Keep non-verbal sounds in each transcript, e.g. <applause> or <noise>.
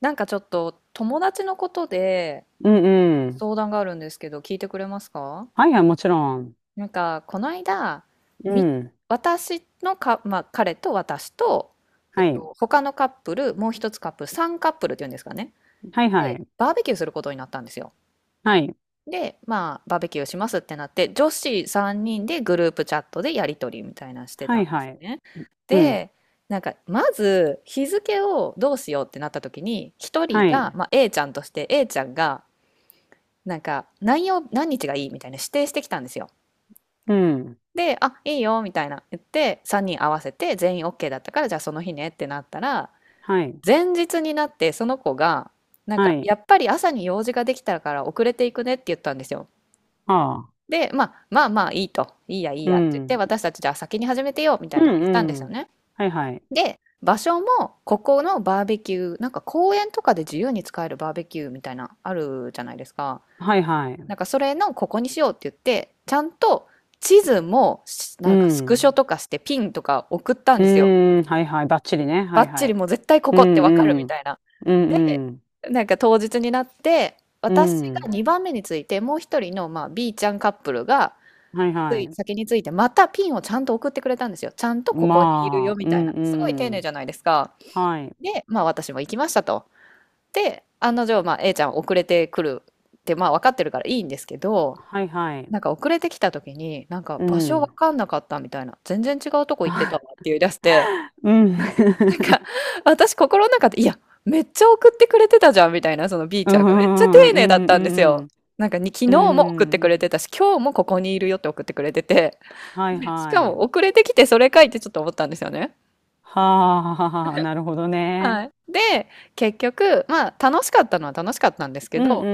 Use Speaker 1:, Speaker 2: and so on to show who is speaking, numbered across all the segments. Speaker 1: なんかちょっと友達のことで
Speaker 2: うんうん。
Speaker 1: 相談があるんですけど、聞いてくれますか？
Speaker 2: はいはい、もちろん。
Speaker 1: なんか、この間、
Speaker 2: う
Speaker 1: み、
Speaker 2: ん。
Speaker 1: 私のか、まあ、彼と私と、
Speaker 2: はい。
Speaker 1: 他のカップル、もう一つカップル、3カップルっていうんですかね。
Speaker 2: はいは
Speaker 1: で、
Speaker 2: い。
Speaker 1: バーベキューすることになったんですよ。
Speaker 2: はい。
Speaker 1: で、まあ、バーベキューしますってなって、女子3人でグループチャットでやりとりみたいなのしてた
Speaker 2: は
Speaker 1: ん
Speaker 2: い
Speaker 1: で
Speaker 2: は
Speaker 1: す
Speaker 2: い。
Speaker 1: ね。
Speaker 2: うん。
Speaker 1: で、なんかまず日付をどうしようってなった時に一人
Speaker 2: はい。
Speaker 1: が、まあ、A ちゃんとして、 A ちゃんがなんか何曜何日がいいみたいな指定してきたんですよ。
Speaker 2: うん。
Speaker 1: で、あ、いいよみたいな言って3人合わせて全員 OK だったから、じゃあその日ねってなったら、
Speaker 2: はい。
Speaker 1: 前日になってその子がなん
Speaker 2: は
Speaker 1: か
Speaker 2: い。
Speaker 1: やっぱり朝に用事ができたから遅れていくねって言ったんですよ。
Speaker 2: ああ。
Speaker 1: で、まあまあまあいいと、いいやいい
Speaker 2: う
Speaker 1: やって言って、
Speaker 2: ん。
Speaker 1: 私たちじゃあ先に始めてよみた
Speaker 2: う
Speaker 1: いな
Speaker 2: ん
Speaker 1: 言ったんです
Speaker 2: う
Speaker 1: よ
Speaker 2: ん。
Speaker 1: ね。
Speaker 2: はいはい。
Speaker 1: で、場所もここのバーベキュー、なんか公園とかで自由に使えるバーベキューみたいなあるじゃないですか。
Speaker 2: はいはい。
Speaker 1: なんかそれのここにしようって言って、ちゃんと地図もし
Speaker 2: う
Speaker 1: なんかスクショ
Speaker 2: ん。
Speaker 1: とかしてピンとか送ったん
Speaker 2: う
Speaker 1: ですよ。
Speaker 2: ーん。はいはい。ばっちりね。は
Speaker 1: バ
Speaker 2: い
Speaker 1: ッチ
Speaker 2: は
Speaker 1: リ
Speaker 2: い。
Speaker 1: もう絶対こ
Speaker 2: う
Speaker 1: こってわかる
Speaker 2: んう
Speaker 1: み
Speaker 2: ん。
Speaker 1: たいな。
Speaker 2: う
Speaker 1: で、
Speaker 2: んうん。
Speaker 1: なんか当日になって、
Speaker 2: う
Speaker 1: 私が
Speaker 2: ん。
Speaker 1: 2番目について、もう一人の、まあ、B ちゃんカップルが、
Speaker 2: はい
Speaker 1: つ
Speaker 2: は
Speaker 1: い
Speaker 2: い。
Speaker 1: 先について、またピンをちゃんと送ってくれたんですよ。ちゃんとここにいるよ
Speaker 2: まあ。
Speaker 1: み
Speaker 2: う
Speaker 1: たい
Speaker 2: ん
Speaker 1: な。すごい丁
Speaker 2: う
Speaker 1: 寧じ
Speaker 2: ん。
Speaker 1: ゃないですか。
Speaker 2: はい。
Speaker 1: で、まあ私も行きましたと。で、案の定、まあ A ちゃん遅れてくるって、まあ分かってるからいいんですけど、
Speaker 2: はいはい。
Speaker 1: なんか遅れてきた時に、なんか
Speaker 2: う
Speaker 1: 場所わ
Speaker 2: ん。
Speaker 1: かんなかったみたいな、全然違うとこ行ってたわって
Speaker 2: <laughs>
Speaker 1: 言い出して、
Speaker 2: うん。
Speaker 1: なんか
Speaker 2: <laughs>
Speaker 1: 私心の中で、いや、めっちゃ送ってくれてたじゃんみたいな、その B
Speaker 2: う
Speaker 1: ちゃんがめっちゃ
Speaker 2: ん
Speaker 1: 丁
Speaker 2: う
Speaker 1: 寧だっ
Speaker 2: んう
Speaker 1: たんですよ。
Speaker 2: ん
Speaker 1: なんかに昨
Speaker 2: うん。う
Speaker 1: 日も送ってくれて
Speaker 2: ん。
Speaker 1: たし、今日もここにいるよって送ってくれてて、
Speaker 2: はい
Speaker 1: しか
Speaker 2: は
Speaker 1: も
Speaker 2: い。
Speaker 1: 遅れてきて、それかいってちょっと思ったんですよね。
Speaker 2: はあ、なるほど
Speaker 1: は
Speaker 2: ね。
Speaker 1: い。で、結局、まあ楽しかったのは楽しかったんですけ
Speaker 2: うんう
Speaker 1: ど、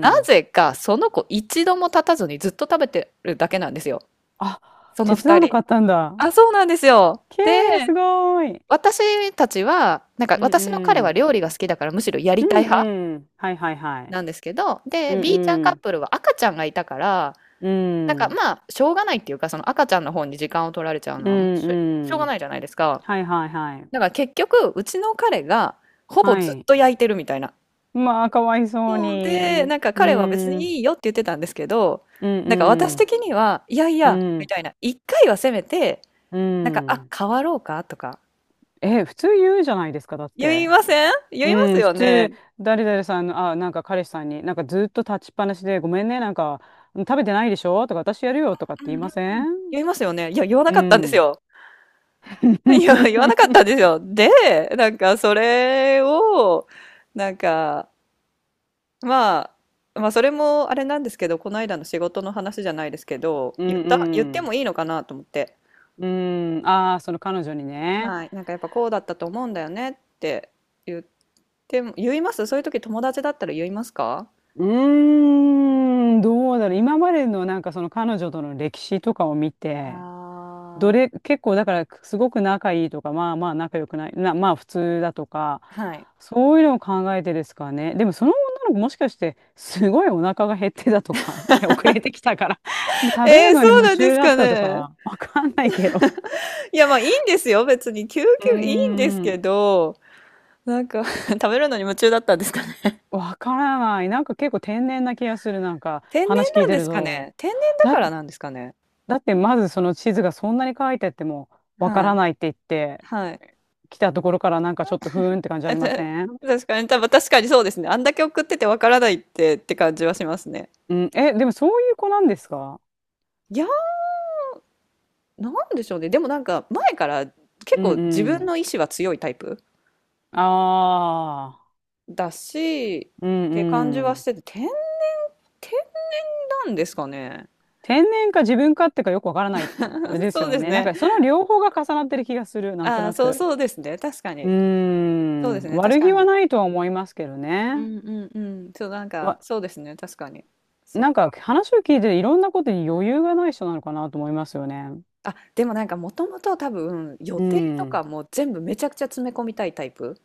Speaker 1: な
Speaker 2: うん。
Speaker 1: ぜかその子一度も立たずにずっと食べてるだけなんですよ。
Speaker 2: あ、
Speaker 1: その
Speaker 2: 手伝
Speaker 1: 二
Speaker 2: わな
Speaker 1: 人。
Speaker 2: かったんだ。
Speaker 1: あ、そうなんですよ。
Speaker 2: け
Speaker 1: で、
Speaker 2: ー、すごーい。
Speaker 1: 私たちは、なんか
Speaker 2: うん
Speaker 1: 私の彼
Speaker 2: う
Speaker 1: は
Speaker 2: ん。
Speaker 1: 料理が好きだからむしろやり
Speaker 2: う
Speaker 1: たい派
Speaker 2: んうん。はいはいはい。
Speaker 1: なんですけど、
Speaker 2: う
Speaker 1: で、
Speaker 2: ん
Speaker 1: B ちゃん
Speaker 2: う
Speaker 1: カッ
Speaker 2: ん。
Speaker 1: プルは赤ちゃんがいたから、
Speaker 2: う
Speaker 1: なんか
Speaker 2: ん。
Speaker 1: まあ、しょうがないっていうか、その赤ちゃんの方に時間を取られちゃう
Speaker 2: うん
Speaker 1: のはもうしょう
Speaker 2: う
Speaker 1: がな
Speaker 2: ん。
Speaker 1: いじゃないですか。
Speaker 2: はいはいはい。
Speaker 1: だから結局、うちの彼がほぼ
Speaker 2: は
Speaker 1: ずっ
Speaker 2: い。
Speaker 1: と焼いてるみたいな。
Speaker 2: まあ、かわいそう
Speaker 1: そうで、
Speaker 2: に。
Speaker 1: なんか
Speaker 2: う
Speaker 1: 彼は別
Speaker 2: ん。うん
Speaker 1: にいいよって言ってたんですけど、
Speaker 2: う
Speaker 1: なんか私
Speaker 2: ん。
Speaker 1: 的には、いやい
Speaker 2: う
Speaker 1: や、み
Speaker 2: ん。
Speaker 1: たいな、一回はせめて、
Speaker 2: う
Speaker 1: なんか、あ、
Speaker 2: ん。
Speaker 1: 変わろうかとか、
Speaker 2: え、普通言うじゃないですか、だっ
Speaker 1: 言
Speaker 2: て。
Speaker 1: いません？言いま
Speaker 2: う
Speaker 1: す
Speaker 2: ん、普
Speaker 1: よね。
Speaker 2: 通、誰々さんの、あ、なんか彼氏さんに、なんかずっと立ちっぱなしで、ごめんね、なんか、食べてないでしょとか、私やるよとかっ
Speaker 1: う
Speaker 2: て
Speaker 1: ん
Speaker 2: 言い
Speaker 1: うん。
Speaker 2: ません？
Speaker 1: 言いますよね。いや、言わな
Speaker 2: う
Speaker 1: かったんです
Speaker 2: ん。
Speaker 1: よ。<laughs> いや、言わなかったんです
Speaker 2: <laughs>
Speaker 1: よ。で、なんかそれを、なんか、ままあそれもあれなんですけど、この間の仕事の話じゃないですけど、
Speaker 2: う
Speaker 1: 言って
Speaker 2: んう
Speaker 1: もいいのかなと思って。
Speaker 2: ん。うん。ああ、その彼女にね。
Speaker 1: はい。なんかやっぱこうだったと思うんだよねって言っても、言います、そういう時友達だったら言いますか？
Speaker 2: うーん、どうだろう。今までのなんかその彼女との歴史とかを見て、
Speaker 1: ああ
Speaker 2: どれ、結構だからすごく仲いいとか、まあまあ仲良くない、な、まあ普通だとか、
Speaker 1: ー。はい。
Speaker 2: そういうのを考えてですかね。でもその女の子もしかしてすごいお腹が減ってたとか、<laughs> 遅れてきたから、もう食べる
Speaker 1: えー、
Speaker 2: のに
Speaker 1: そう
Speaker 2: 夢
Speaker 1: なんで
Speaker 2: 中
Speaker 1: す
Speaker 2: だっ
Speaker 1: か
Speaker 2: たと
Speaker 1: ね。
Speaker 2: か、わかんないけど。
Speaker 1: いや、まあいいんですよ。別に。究
Speaker 2: うー
Speaker 1: 極いいんですけ
Speaker 2: ん、
Speaker 1: ど、なんか <laughs> 食べるのに夢中だったんですかね。<laughs>
Speaker 2: わからない。なんか結構天然な気がする、なんか
Speaker 1: 天
Speaker 2: 話
Speaker 1: 然
Speaker 2: 聞
Speaker 1: な
Speaker 2: い
Speaker 1: ん
Speaker 2: て
Speaker 1: で
Speaker 2: る
Speaker 1: すか
Speaker 2: と。
Speaker 1: ね。天然だか
Speaker 2: だ、
Speaker 1: らなんですかね。
Speaker 2: だってまずその地図がそんなに書いてあってもわか
Speaker 1: はい。
Speaker 2: らないって言って、
Speaker 1: はい。
Speaker 2: 来たところからなんかちょっとふーんって感じありません？
Speaker 1: <laughs> 確かに、多分確かにそうですね。あんだけ送っててわからないってって感じはしますね。
Speaker 2: うん、え、でもそういう子なんですか？
Speaker 1: いや、なんでしょうね。でもなんか前から結
Speaker 2: う
Speaker 1: 構
Speaker 2: ん
Speaker 1: 自
Speaker 2: う
Speaker 1: 分
Speaker 2: ん。
Speaker 1: の意志は強いタイプ
Speaker 2: ああ、
Speaker 1: だし、
Speaker 2: う
Speaker 1: っ
Speaker 2: ん
Speaker 1: て感じ
Speaker 2: う
Speaker 1: はし
Speaker 2: ん。
Speaker 1: てて、天然なんですかね。
Speaker 2: 天然か自分かってかよくわからない、あれ
Speaker 1: <laughs>
Speaker 2: です
Speaker 1: そう
Speaker 2: よ
Speaker 1: です
Speaker 2: ね。なん
Speaker 1: ね。
Speaker 2: かその両方が重なってる気がする、なんと
Speaker 1: ああ、
Speaker 2: な
Speaker 1: そう
Speaker 2: く。
Speaker 1: そうですね。確か
Speaker 2: う
Speaker 1: に。
Speaker 2: ー
Speaker 1: そうで
Speaker 2: ん、
Speaker 1: すね。確
Speaker 2: 悪
Speaker 1: か
Speaker 2: 気は
Speaker 1: に。
Speaker 2: ないとは思いますけど
Speaker 1: う
Speaker 2: ね。
Speaker 1: んうんうん、そう、なんか、
Speaker 2: わ、
Speaker 1: そうですね、確かに。そっ
Speaker 2: なんか
Speaker 1: か。
Speaker 2: 話を聞いていろんなことに余裕がない人なのかなと思いますよね。
Speaker 1: あ、でもなんか、もともと多分、予
Speaker 2: う
Speaker 1: 定とか
Speaker 2: ん。
Speaker 1: も全部めちゃくちゃ詰め込みたいタイプ。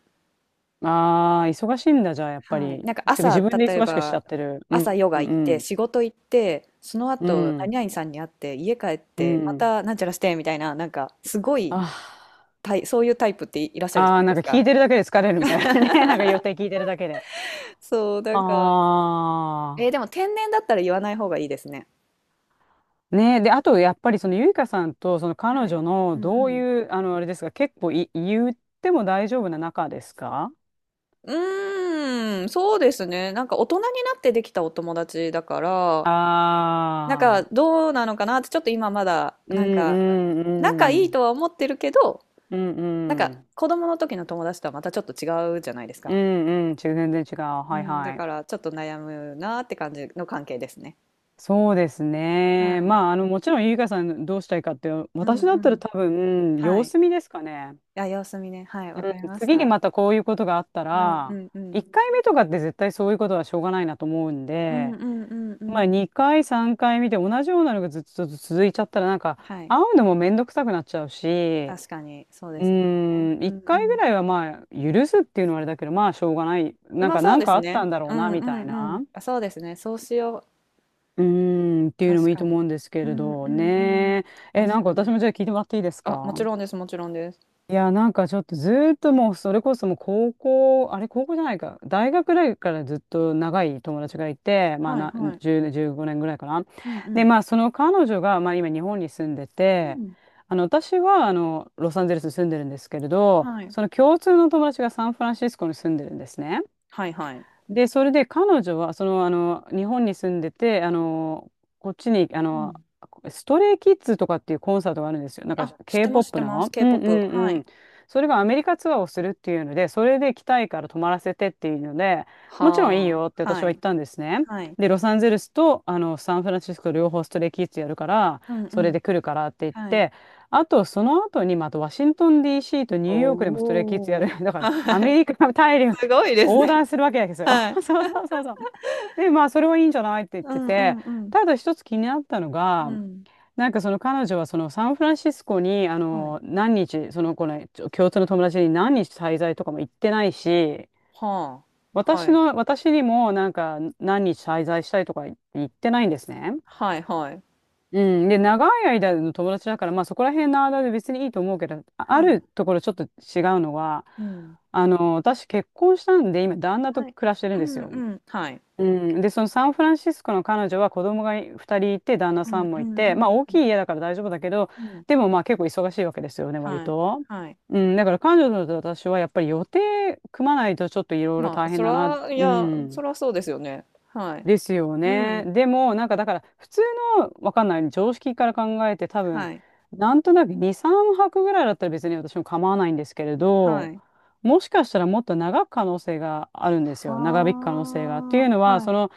Speaker 2: ああ、忙しいんだ、じゃあ、やっぱ
Speaker 1: はい。
Speaker 2: り。
Speaker 1: なんか、
Speaker 2: てか
Speaker 1: 朝、
Speaker 2: 自分で
Speaker 1: 例え
Speaker 2: 忙しくしちゃ
Speaker 1: ば、
Speaker 2: ってる。うん、
Speaker 1: 朝ヨ
Speaker 2: う
Speaker 1: ガ行って、
Speaker 2: ん、
Speaker 1: 仕事行って、その
Speaker 2: う
Speaker 1: 後、
Speaker 2: ん、う
Speaker 1: 何
Speaker 2: ん。
Speaker 1: 々さんに会って、家帰っ
Speaker 2: う
Speaker 1: て、ま
Speaker 2: ん
Speaker 1: た、なんちゃらして、みたいな、なんか、すご
Speaker 2: あ
Speaker 1: い、
Speaker 2: あ。
Speaker 1: そういうタイプっていらっしゃるじゃ
Speaker 2: ああ、
Speaker 1: ない
Speaker 2: なん
Speaker 1: で
Speaker 2: か
Speaker 1: す
Speaker 2: 聞
Speaker 1: か。
Speaker 2: いてるだけで疲れるみたいなね。<laughs> なんか予
Speaker 1: <laughs>
Speaker 2: 定聞いてるだけで。
Speaker 1: そう、なんか、えー
Speaker 2: あ
Speaker 1: でも、天然だったら言わない方がいいですね。
Speaker 2: あ。ねえ。で、あと、やっぱりそのゆいかさんとその彼
Speaker 1: はい。
Speaker 2: 女の
Speaker 1: うんう
Speaker 2: どう
Speaker 1: ん。
Speaker 2: いう、あの、あれですか、結構い、言っても大丈夫な仲ですか？
Speaker 1: うーん、そうですね。なんか大人になってできたお友達だから、なんか
Speaker 2: ああ
Speaker 1: どうなのかなってちょっと今まだ、
Speaker 2: ー。う
Speaker 1: なんか
Speaker 2: んう
Speaker 1: 仲
Speaker 2: んう
Speaker 1: いい
Speaker 2: ん。
Speaker 1: とは思ってるけど、
Speaker 2: うん
Speaker 1: なんか
Speaker 2: うん。
Speaker 1: 子供の時の友達とはまたちょっと違うじゃないです
Speaker 2: う
Speaker 1: か。
Speaker 2: んうん。全然違う。
Speaker 1: う
Speaker 2: はい
Speaker 1: ん、だ
Speaker 2: はい。
Speaker 1: からちょっと悩むなって感じの関係ですね。
Speaker 2: そうです
Speaker 1: は
Speaker 2: ね。
Speaker 1: い。
Speaker 2: まあ、あの、もちろんゆいかさんどうしたいかって、
Speaker 1: うんう
Speaker 2: 私だったら
Speaker 1: ん。
Speaker 2: 多分、うん
Speaker 1: は
Speaker 2: 様
Speaker 1: い。
Speaker 2: 子見ですかね。
Speaker 1: あ、様子見ね。はい、わ
Speaker 2: う
Speaker 1: かり
Speaker 2: ん、
Speaker 1: まし
Speaker 2: 次に
Speaker 1: た。
Speaker 2: またこういうことがあった
Speaker 1: うんう
Speaker 2: ら、
Speaker 1: んう
Speaker 2: 1
Speaker 1: ん。
Speaker 2: 回目とかって絶対そういうことはしょうがないなと思うん
Speaker 1: うんう
Speaker 2: で、
Speaker 1: んうんう
Speaker 2: まあ
Speaker 1: ん。
Speaker 2: 2回、3回見て同じようなのがずっと続いちゃったらなんか
Speaker 1: はい。
Speaker 2: 会うのもめんどくさくなっちゃうし、
Speaker 1: 確かに、そうで
Speaker 2: う
Speaker 1: すね。
Speaker 2: ーん、
Speaker 1: う
Speaker 2: 1
Speaker 1: んう
Speaker 2: 回ぐ
Speaker 1: ん。
Speaker 2: らいはまあ許すっていうのはあれだけど、まあしょうがない。なん
Speaker 1: まあ
Speaker 2: か
Speaker 1: そ
Speaker 2: な
Speaker 1: う
Speaker 2: ん
Speaker 1: で
Speaker 2: か
Speaker 1: す
Speaker 2: あっ
Speaker 1: ね。
Speaker 2: たんだろ
Speaker 1: う
Speaker 2: うな
Speaker 1: んう
Speaker 2: み
Speaker 1: ん
Speaker 2: たい
Speaker 1: う
Speaker 2: な。
Speaker 1: ん。あ、そうですね。そうしよう。
Speaker 2: うーん、っていうのも
Speaker 1: 確
Speaker 2: いい
Speaker 1: か
Speaker 2: と
Speaker 1: に。
Speaker 2: 思うんですけ
Speaker 1: う
Speaker 2: れ
Speaker 1: んうん
Speaker 2: ど
Speaker 1: うん。
Speaker 2: ね。え、
Speaker 1: 確
Speaker 2: なんか
Speaker 1: か
Speaker 2: 私
Speaker 1: に。
Speaker 2: もじゃあ聞いてもらっていいですか？
Speaker 1: あ、もちろんです、もちろんです。
Speaker 2: いや、なんかちょっとずーっともう、それこそもう高校、あれ高校じゃないか、大学ぐらいからずっと長い友達がいて、まあ
Speaker 1: はい
Speaker 2: な、
Speaker 1: はい。
Speaker 2: 10、15年ぐらいかな。
Speaker 1: うんう
Speaker 2: で、
Speaker 1: ん。
Speaker 2: まあその彼女が、まあ今日本に住んで
Speaker 1: う
Speaker 2: て、
Speaker 1: ん。
Speaker 2: あの、私はあの、ロサンゼルスに住んでるんですけれど、
Speaker 1: はい。
Speaker 2: その共通の友達がサンフランシスコに住んでるんですね。
Speaker 1: はいはい。
Speaker 2: で、それで彼女は、その、あの、日本に住んでて、あの、こっちに、あ
Speaker 1: う
Speaker 2: の、
Speaker 1: ん。
Speaker 2: ストレイキッズとかっていうコンサートがあるんですよ。なんか
Speaker 1: あ、知ってます、知って
Speaker 2: K-POP
Speaker 1: ます。
Speaker 2: の。うんうん
Speaker 1: K-POP。は
Speaker 2: う
Speaker 1: い。
Speaker 2: ん。それがアメリカツアーをするっていうので、それで来たいから泊まらせてっていうので、もちろんいい
Speaker 1: は
Speaker 2: よって
Speaker 1: あ。
Speaker 2: 私
Speaker 1: は
Speaker 2: は言っ
Speaker 1: い。
Speaker 2: たんですね。
Speaker 1: はい。
Speaker 2: で、ロサンゼルスとあのサンフランシスコ両方ストレイキッズやるから、
Speaker 1: うんう
Speaker 2: それ
Speaker 1: ん。
Speaker 2: で来るからって言っ
Speaker 1: はい。
Speaker 2: て、あとその後にまたワシントン DC とニ
Speaker 1: お
Speaker 2: ューヨークでもストレイキッズやる。
Speaker 1: お。
Speaker 2: <laughs> だから
Speaker 1: は
Speaker 2: ア
Speaker 1: い。
Speaker 2: メリカ大陸
Speaker 1: すごいです
Speaker 2: 横
Speaker 1: ね。
Speaker 2: 断するわけですよ。
Speaker 1: はい。
Speaker 2: <laughs> そうそうそうそう。で、まあ、それはいいんじゃないって言っ
Speaker 1: う
Speaker 2: て
Speaker 1: んう
Speaker 2: て、
Speaker 1: んうん。
Speaker 2: ただ一つ気になったの
Speaker 1: う
Speaker 2: が、
Speaker 1: ん。
Speaker 2: なんかその彼女はそのサンフランシスコに、あ
Speaker 1: はい。
Speaker 2: の、何日、その子の共通の友達に何日滞在とかも行ってないし、
Speaker 1: はあ。は
Speaker 2: 私
Speaker 1: い。
Speaker 2: の、私にもなんか何日滞在したいとか言ってないんですね。
Speaker 1: はいはい。
Speaker 2: うん。で、長い間の友達だから、まあそこら辺の間で別にいいと思うけど、ああ
Speaker 1: はい。
Speaker 2: るところちょっと違うのは、
Speaker 1: うん。
Speaker 2: あの、私結婚したんで、今旦那と
Speaker 1: はい。
Speaker 2: 暮らしてるん
Speaker 1: う
Speaker 2: です
Speaker 1: んう
Speaker 2: よ。
Speaker 1: ん、はい。
Speaker 2: うん、で、そのサンフランシスコの彼女は子供が2人いて、旦那
Speaker 1: う
Speaker 2: さ
Speaker 1: ん
Speaker 2: んも
Speaker 1: う
Speaker 2: い
Speaker 1: んう
Speaker 2: て、まあ大き
Speaker 1: ん
Speaker 2: い家だから大丈夫だけど、
Speaker 1: うん。
Speaker 2: でもまあ結構忙しいわけですよね、割
Speaker 1: はい。
Speaker 2: と。
Speaker 1: はい。
Speaker 2: うん、だから彼女と私はやっぱり予定組まないとちょっといろいろ
Speaker 1: まあ、
Speaker 2: 大変
Speaker 1: そ
Speaker 2: だな。
Speaker 1: ら、い
Speaker 2: う
Speaker 1: や、そ
Speaker 2: ん。
Speaker 1: らそうですよね。はい。
Speaker 2: ですよ
Speaker 1: う
Speaker 2: ね。
Speaker 1: ん。
Speaker 2: でも、なんかだから、普通の、わかんない、常識から考えて、多分、
Speaker 1: はい。
Speaker 2: なんとなく2、3泊ぐらいだったら別に私も構わないんですけれ
Speaker 1: は
Speaker 2: ど、
Speaker 1: い。
Speaker 2: もしかしたらもっと長く可能性があるんです
Speaker 1: は
Speaker 2: よ。長引く可能性が。っていうの
Speaker 1: あ、
Speaker 2: は、
Speaker 1: は
Speaker 2: そ
Speaker 1: い。
Speaker 2: の、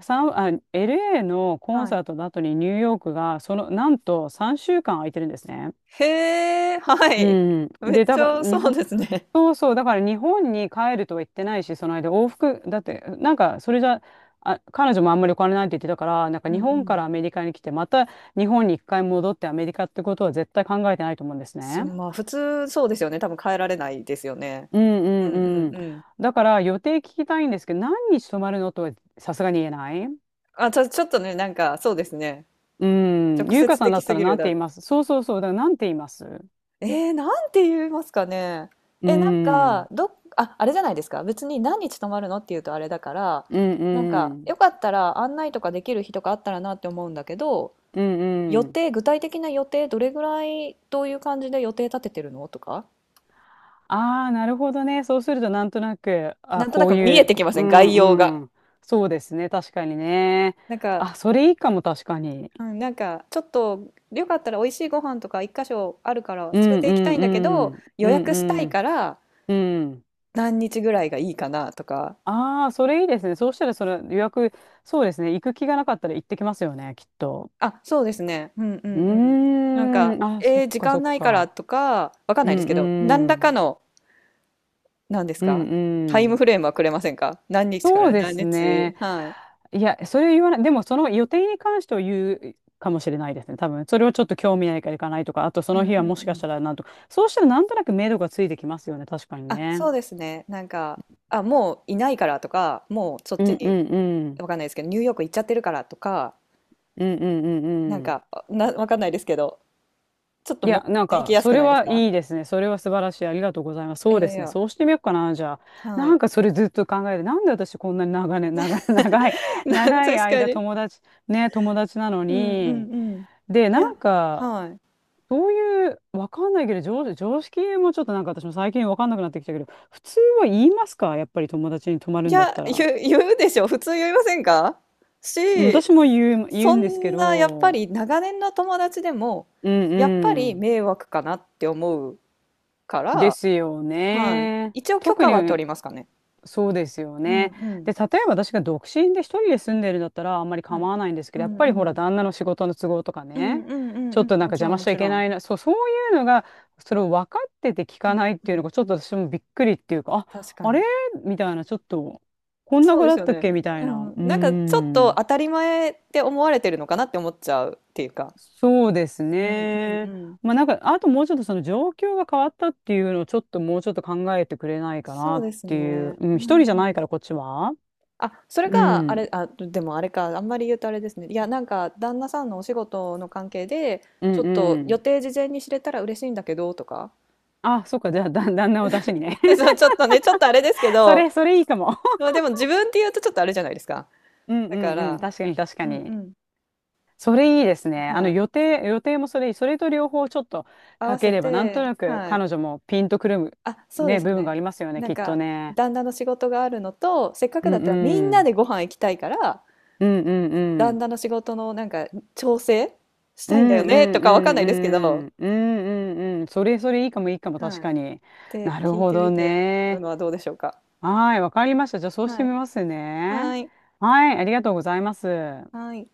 Speaker 2: LA のコン
Speaker 1: はい。
Speaker 2: サートの後にニューヨークが、その、なんと3週間空いてるんですね。
Speaker 1: へえ、は
Speaker 2: う
Speaker 1: い。
Speaker 2: ん。
Speaker 1: め
Speaker 2: で、
Speaker 1: っち
Speaker 2: だから、
Speaker 1: ゃ
Speaker 2: 日
Speaker 1: そう
Speaker 2: 本、
Speaker 1: ですね。
Speaker 2: そうそう、だから日本に帰るとは言ってないし、その間往復、だって、なんか、それじゃ、あ、彼女もあんまりお金ないって言ってたから、なんか
Speaker 1: うん
Speaker 2: 日
Speaker 1: う
Speaker 2: 本か
Speaker 1: ん。
Speaker 2: らアメリカに来て、また日本に一回戻ってアメリカってことは絶対考えてないと思うんです
Speaker 1: す
Speaker 2: ね。
Speaker 1: まあ、普通そうですよね。多分変えられないですよね。
Speaker 2: うん
Speaker 1: う
Speaker 2: う
Speaker 1: んう
Speaker 2: んう
Speaker 1: ん
Speaker 2: ん。
Speaker 1: うん。
Speaker 2: だから予定聞きたいんですけど、何日泊まるのとはさすがに言えない。
Speaker 1: あ、ちょ、ちょっとね、なんかそうですね。
Speaker 2: うん。
Speaker 1: 直
Speaker 2: ゆうか
Speaker 1: 接
Speaker 2: さんだ
Speaker 1: 的
Speaker 2: っ
Speaker 1: す
Speaker 2: たら
Speaker 1: ぎる。
Speaker 2: 何て言います？そうそうそう。だから何て言います？
Speaker 1: えー、なんて言いますかね。
Speaker 2: うん。
Speaker 1: え、なん
Speaker 2: うん
Speaker 1: か、あ、あれじゃないですか。別に何日泊まるのって言うとあれだから、
Speaker 2: う
Speaker 1: なんか、よ
Speaker 2: ん。
Speaker 1: かったら案内とかできる日とかあったらなって思うんだけど、
Speaker 2: うん
Speaker 1: 予
Speaker 2: うん。
Speaker 1: 定、具体的な予定、どれぐらい、どういう感じで予定立ててるのとか、
Speaker 2: ああ、なるほどね。そうすると、なんとなく、
Speaker 1: な
Speaker 2: あ、
Speaker 1: んとな
Speaker 2: こう
Speaker 1: く見
Speaker 2: い
Speaker 1: え
Speaker 2: う、
Speaker 1: てき
Speaker 2: こ
Speaker 1: ま
Speaker 2: う
Speaker 1: せん、概要
Speaker 2: ん
Speaker 1: が。
Speaker 2: うん。そうですね。確かにね。
Speaker 1: なんか、
Speaker 2: あ、それいいかも、確かに。
Speaker 1: うん、なんか、ちょっと、よかったら美味しいご飯とか一箇所あるから連
Speaker 2: う
Speaker 1: れ
Speaker 2: ん
Speaker 1: て
Speaker 2: う
Speaker 1: 行きたい
Speaker 2: ん
Speaker 1: んだけ
Speaker 2: う
Speaker 1: ど、
Speaker 2: ん。
Speaker 1: 予
Speaker 2: うん
Speaker 1: 約した
Speaker 2: う
Speaker 1: い
Speaker 2: ん。
Speaker 1: から
Speaker 2: うん。
Speaker 1: 何日ぐらいがいいかなとか、
Speaker 2: ああ、それいいですね。そうしたら、その予約、そうですね。行く気がなかったら行ってきますよね、きっと。
Speaker 1: あ、そうですね。うんうん
Speaker 2: う
Speaker 1: うん。なん
Speaker 2: ー
Speaker 1: か、
Speaker 2: ん。あ、そ
Speaker 1: え
Speaker 2: っ
Speaker 1: ー時
Speaker 2: かそ
Speaker 1: 間
Speaker 2: っ
Speaker 1: ないから
Speaker 2: か。
Speaker 1: とか、わかん
Speaker 2: う
Speaker 1: ないです
Speaker 2: ん
Speaker 1: けど、何
Speaker 2: う
Speaker 1: らか
Speaker 2: ん。
Speaker 1: の、何です
Speaker 2: う
Speaker 1: か、
Speaker 2: ん
Speaker 1: タ
Speaker 2: う
Speaker 1: イム
Speaker 2: ん。
Speaker 1: フレームはくれませんか、何日か
Speaker 2: そう
Speaker 1: ら
Speaker 2: で
Speaker 1: 何
Speaker 2: す
Speaker 1: 日。
Speaker 2: ね。
Speaker 1: ねはい。
Speaker 2: いや、それを言わない。でも、その予定に関しては言うかもしれないですね。多分、それをちょっと興味ないから行かないとか、あとそ
Speaker 1: うん
Speaker 2: の
Speaker 1: うん
Speaker 2: 日はもし
Speaker 1: う
Speaker 2: かし
Speaker 1: ん。
Speaker 2: たらなんとか、そうしたらなんとなく目処がついてきますよね。確かに
Speaker 1: あ、
Speaker 2: ね。
Speaker 1: そうですね。なんか、あ、もういないからとか、もうそっ
Speaker 2: う
Speaker 1: ち
Speaker 2: んう
Speaker 1: に、
Speaker 2: んうん。
Speaker 1: わかんないですけど、ニューヨーク行っちゃってるからとか、
Speaker 2: うんうんう
Speaker 1: なん
Speaker 2: んうん。
Speaker 1: か、な、わかんないですけど、ちょっと
Speaker 2: い
Speaker 1: 持っ
Speaker 2: や、なん
Speaker 1: て行き
Speaker 2: か、
Speaker 1: やす
Speaker 2: そ
Speaker 1: く
Speaker 2: れ
Speaker 1: ないです
Speaker 2: は
Speaker 1: か？
Speaker 2: いいですね。それは素晴らしい。ありがとうございます。
Speaker 1: い
Speaker 2: そうで
Speaker 1: やい
Speaker 2: すね。
Speaker 1: や、
Speaker 2: そうしてみようかな、じゃあ。
Speaker 1: は
Speaker 2: な
Speaker 1: い。
Speaker 2: んか、それずっと考えて、なんで私こんなに長年、長い、<laughs> 長い、
Speaker 1: <laughs> な
Speaker 2: 長い
Speaker 1: 確か
Speaker 2: 間
Speaker 1: に。
Speaker 2: 友達、ね、友達なの
Speaker 1: うんう
Speaker 2: に、
Speaker 1: んうん。い
Speaker 2: で、な
Speaker 1: や、
Speaker 2: んか、
Speaker 1: はい。
Speaker 2: そういう、わかんないけど、常識もちょっとなんか私も最近わかんなくなってきたけど、普通は言いますか？やっぱり友達に泊まる
Speaker 1: い
Speaker 2: んだっ
Speaker 1: や、
Speaker 2: たら。
Speaker 1: 言う、言うでしょ。普通言いませんか？
Speaker 2: うん
Speaker 1: し、
Speaker 2: 私も言う
Speaker 1: そ
Speaker 2: んですけ
Speaker 1: んな、やっぱ
Speaker 2: ど、
Speaker 1: り長年の友達でも、
Speaker 2: う
Speaker 1: やっぱ
Speaker 2: ん
Speaker 1: り
Speaker 2: う
Speaker 1: 迷惑かなって思うか
Speaker 2: ん。で
Speaker 1: ら、
Speaker 2: すよ
Speaker 1: はい。
Speaker 2: ね。
Speaker 1: 一応許
Speaker 2: 特
Speaker 1: 可は取
Speaker 2: に、
Speaker 1: りますかね。
Speaker 2: そうですよ
Speaker 1: うんう
Speaker 2: ね。
Speaker 1: ん。
Speaker 2: で、例えば私が独身で一人で住んでるんだったらあんまり
Speaker 1: はい。
Speaker 2: 構わないんですけ
Speaker 1: う
Speaker 2: ど、やっ
Speaker 1: んう
Speaker 2: ぱりほら、
Speaker 1: ん。
Speaker 2: 旦那の仕事の都合とか
Speaker 1: うん
Speaker 2: ね、
Speaker 1: うんう
Speaker 2: ち
Speaker 1: ん
Speaker 2: ょ
Speaker 1: う
Speaker 2: っ
Speaker 1: ん。
Speaker 2: となん
Speaker 1: も
Speaker 2: か
Speaker 1: ち
Speaker 2: 邪
Speaker 1: ろん
Speaker 2: 魔
Speaker 1: も
Speaker 2: しちゃい
Speaker 1: ち
Speaker 2: け
Speaker 1: ろ
Speaker 2: な
Speaker 1: ん。
Speaker 2: いな、そういうのが、それを分かってて聞
Speaker 1: う
Speaker 2: か
Speaker 1: ん
Speaker 2: ないってい
Speaker 1: う
Speaker 2: うの
Speaker 1: ん。
Speaker 2: が、ちょっと私もびっくりっていうか、
Speaker 1: 確
Speaker 2: あ、
Speaker 1: か
Speaker 2: あれ
Speaker 1: に。
Speaker 2: みたいな、ちょっと、こんな
Speaker 1: そう
Speaker 2: 子
Speaker 1: で
Speaker 2: だ
Speaker 1: す
Speaker 2: っ
Speaker 1: よ
Speaker 2: たっけ
Speaker 1: ね。
Speaker 2: みたい
Speaker 1: う
Speaker 2: な。う
Speaker 1: ん。
Speaker 2: ー
Speaker 1: なんかちょっと
Speaker 2: ん。
Speaker 1: 当たり前って思われてるのかなって思っちゃうっていうか。
Speaker 2: そうです
Speaker 1: うんうんう
Speaker 2: ね。
Speaker 1: ん。
Speaker 2: まあなんか、あともうちょっとその状況が変わったっていうのをちょっともうちょっと考えてくれないか
Speaker 1: そ
Speaker 2: な
Speaker 1: う
Speaker 2: っ
Speaker 1: です
Speaker 2: ていう。
Speaker 1: ね。
Speaker 2: う
Speaker 1: う
Speaker 2: ん、一
Speaker 1: ん
Speaker 2: 人じゃ
Speaker 1: う
Speaker 2: ないか
Speaker 1: ん。
Speaker 2: ら、こっちは。
Speaker 1: あ、それう
Speaker 2: う
Speaker 1: が、あん。れ、
Speaker 2: ん。
Speaker 1: あ、でもあれか、あんまり言うとあれですね。いや、なんか、旦那さんのお仕事の関係で、
Speaker 2: う
Speaker 1: ちょっ
Speaker 2: ん
Speaker 1: と
Speaker 2: う
Speaker 1: 予
Speaker 2: ん。
Speaker 1: 定事前に知れたら嬉しいんだけど、とか。
Speaker 2: あ、そっか、じゃあ、旦那を出しにね。
Speaker 1: <laughs> そう、ちょっとね、ちょっとあれですけ
Speaker 2: <laughs> そ
Speaker 1: ど、
Speaker 2: れ、それいいかも。
Speaker 1: まあでも自分って言うとちょっとあれじゃないですか。
Speaker 2: <laughs> うん
Speaker 1: だ
Speaker 2: う
Speaker 1: か
Speaker 2: んう
Speaker 1: ら、
Speaker 2: ん。確かに確か
Speaker 1: うんう
Speaker 2: に。
Speaker 1: ん。
Speaker 2: それいいですね。あ
Speaker 1: は
Speaker 2: の、
Speaker 1: い。
Speaker 2: 予定もそれいい。それと両方ちょっと
Speaker 1: 合
Speaker 2: か
Speaker 1: わ
Speaker 2: け
Speaker 1: せ
Speaker 2: れば、なん
Speaker 1: て、
Speaker 2: となく
Speaker 1: はい。
Speaker 2: 彼女もピンとくる、
Speaker 1: あ、そうで
Speaker 2: ね、
Speaker 1: す
Speaker 2: 部分が
Speaker 1: ね。
Speaker 2: ありますよね、
Speaker 1: なん
Speaker 2: きっと
Speaker 1: か、
Speaker 2: ね。
Speaker 1: 旦那の仕事があるのと、せっかく
Speaker 2: う
Speaker 1: だっ
Speaker 2: ん
Speaker 1: たらみん
Speaker 2: う
Speaker 1: な
Speaker 2: ん。
Speaker 1: でご飯行きたいから、
Speaker 2: うんうんう
Speaker 1: 旦
Speaker 2: ん。
Speaker 1: 那の仕事のなんか、調整し
Speaker 2: う
Speaker 1: た
Speaker 2: ん
Speaker 1: いんだよ
Speaker 2: う
Speaker 1: ね、と
Speaker 2: んう
Speaker 1: かわかん
Speaker 2: ん
Speaker 1: ないですけ
Speaker 2: う
Speaker 1: ど、
Speaker 2: ん。うんうんうん。それいいかもいいかも、確
Speaker 1: はい。
Speaker 2: かに。
Speaker 1: て
Speaker 2: なる
Speaker 1: 聞い
Speaker 2: ほ
Speaker 1: て
Speaker 2: ど
Speaker 1: みてる
Speaker 2: ね。
Speaker 1: のはどうでしょうか。
Speaker 2: はい、わかりました。じゃあ、そうして
Speaker 1: は
Speaker 2: み
Speaker 1: い。
Speaker 2: ますね。
Speaker 1: はい。
Speaker 2: はい、ありがとうございます。
Speaker 1: はい。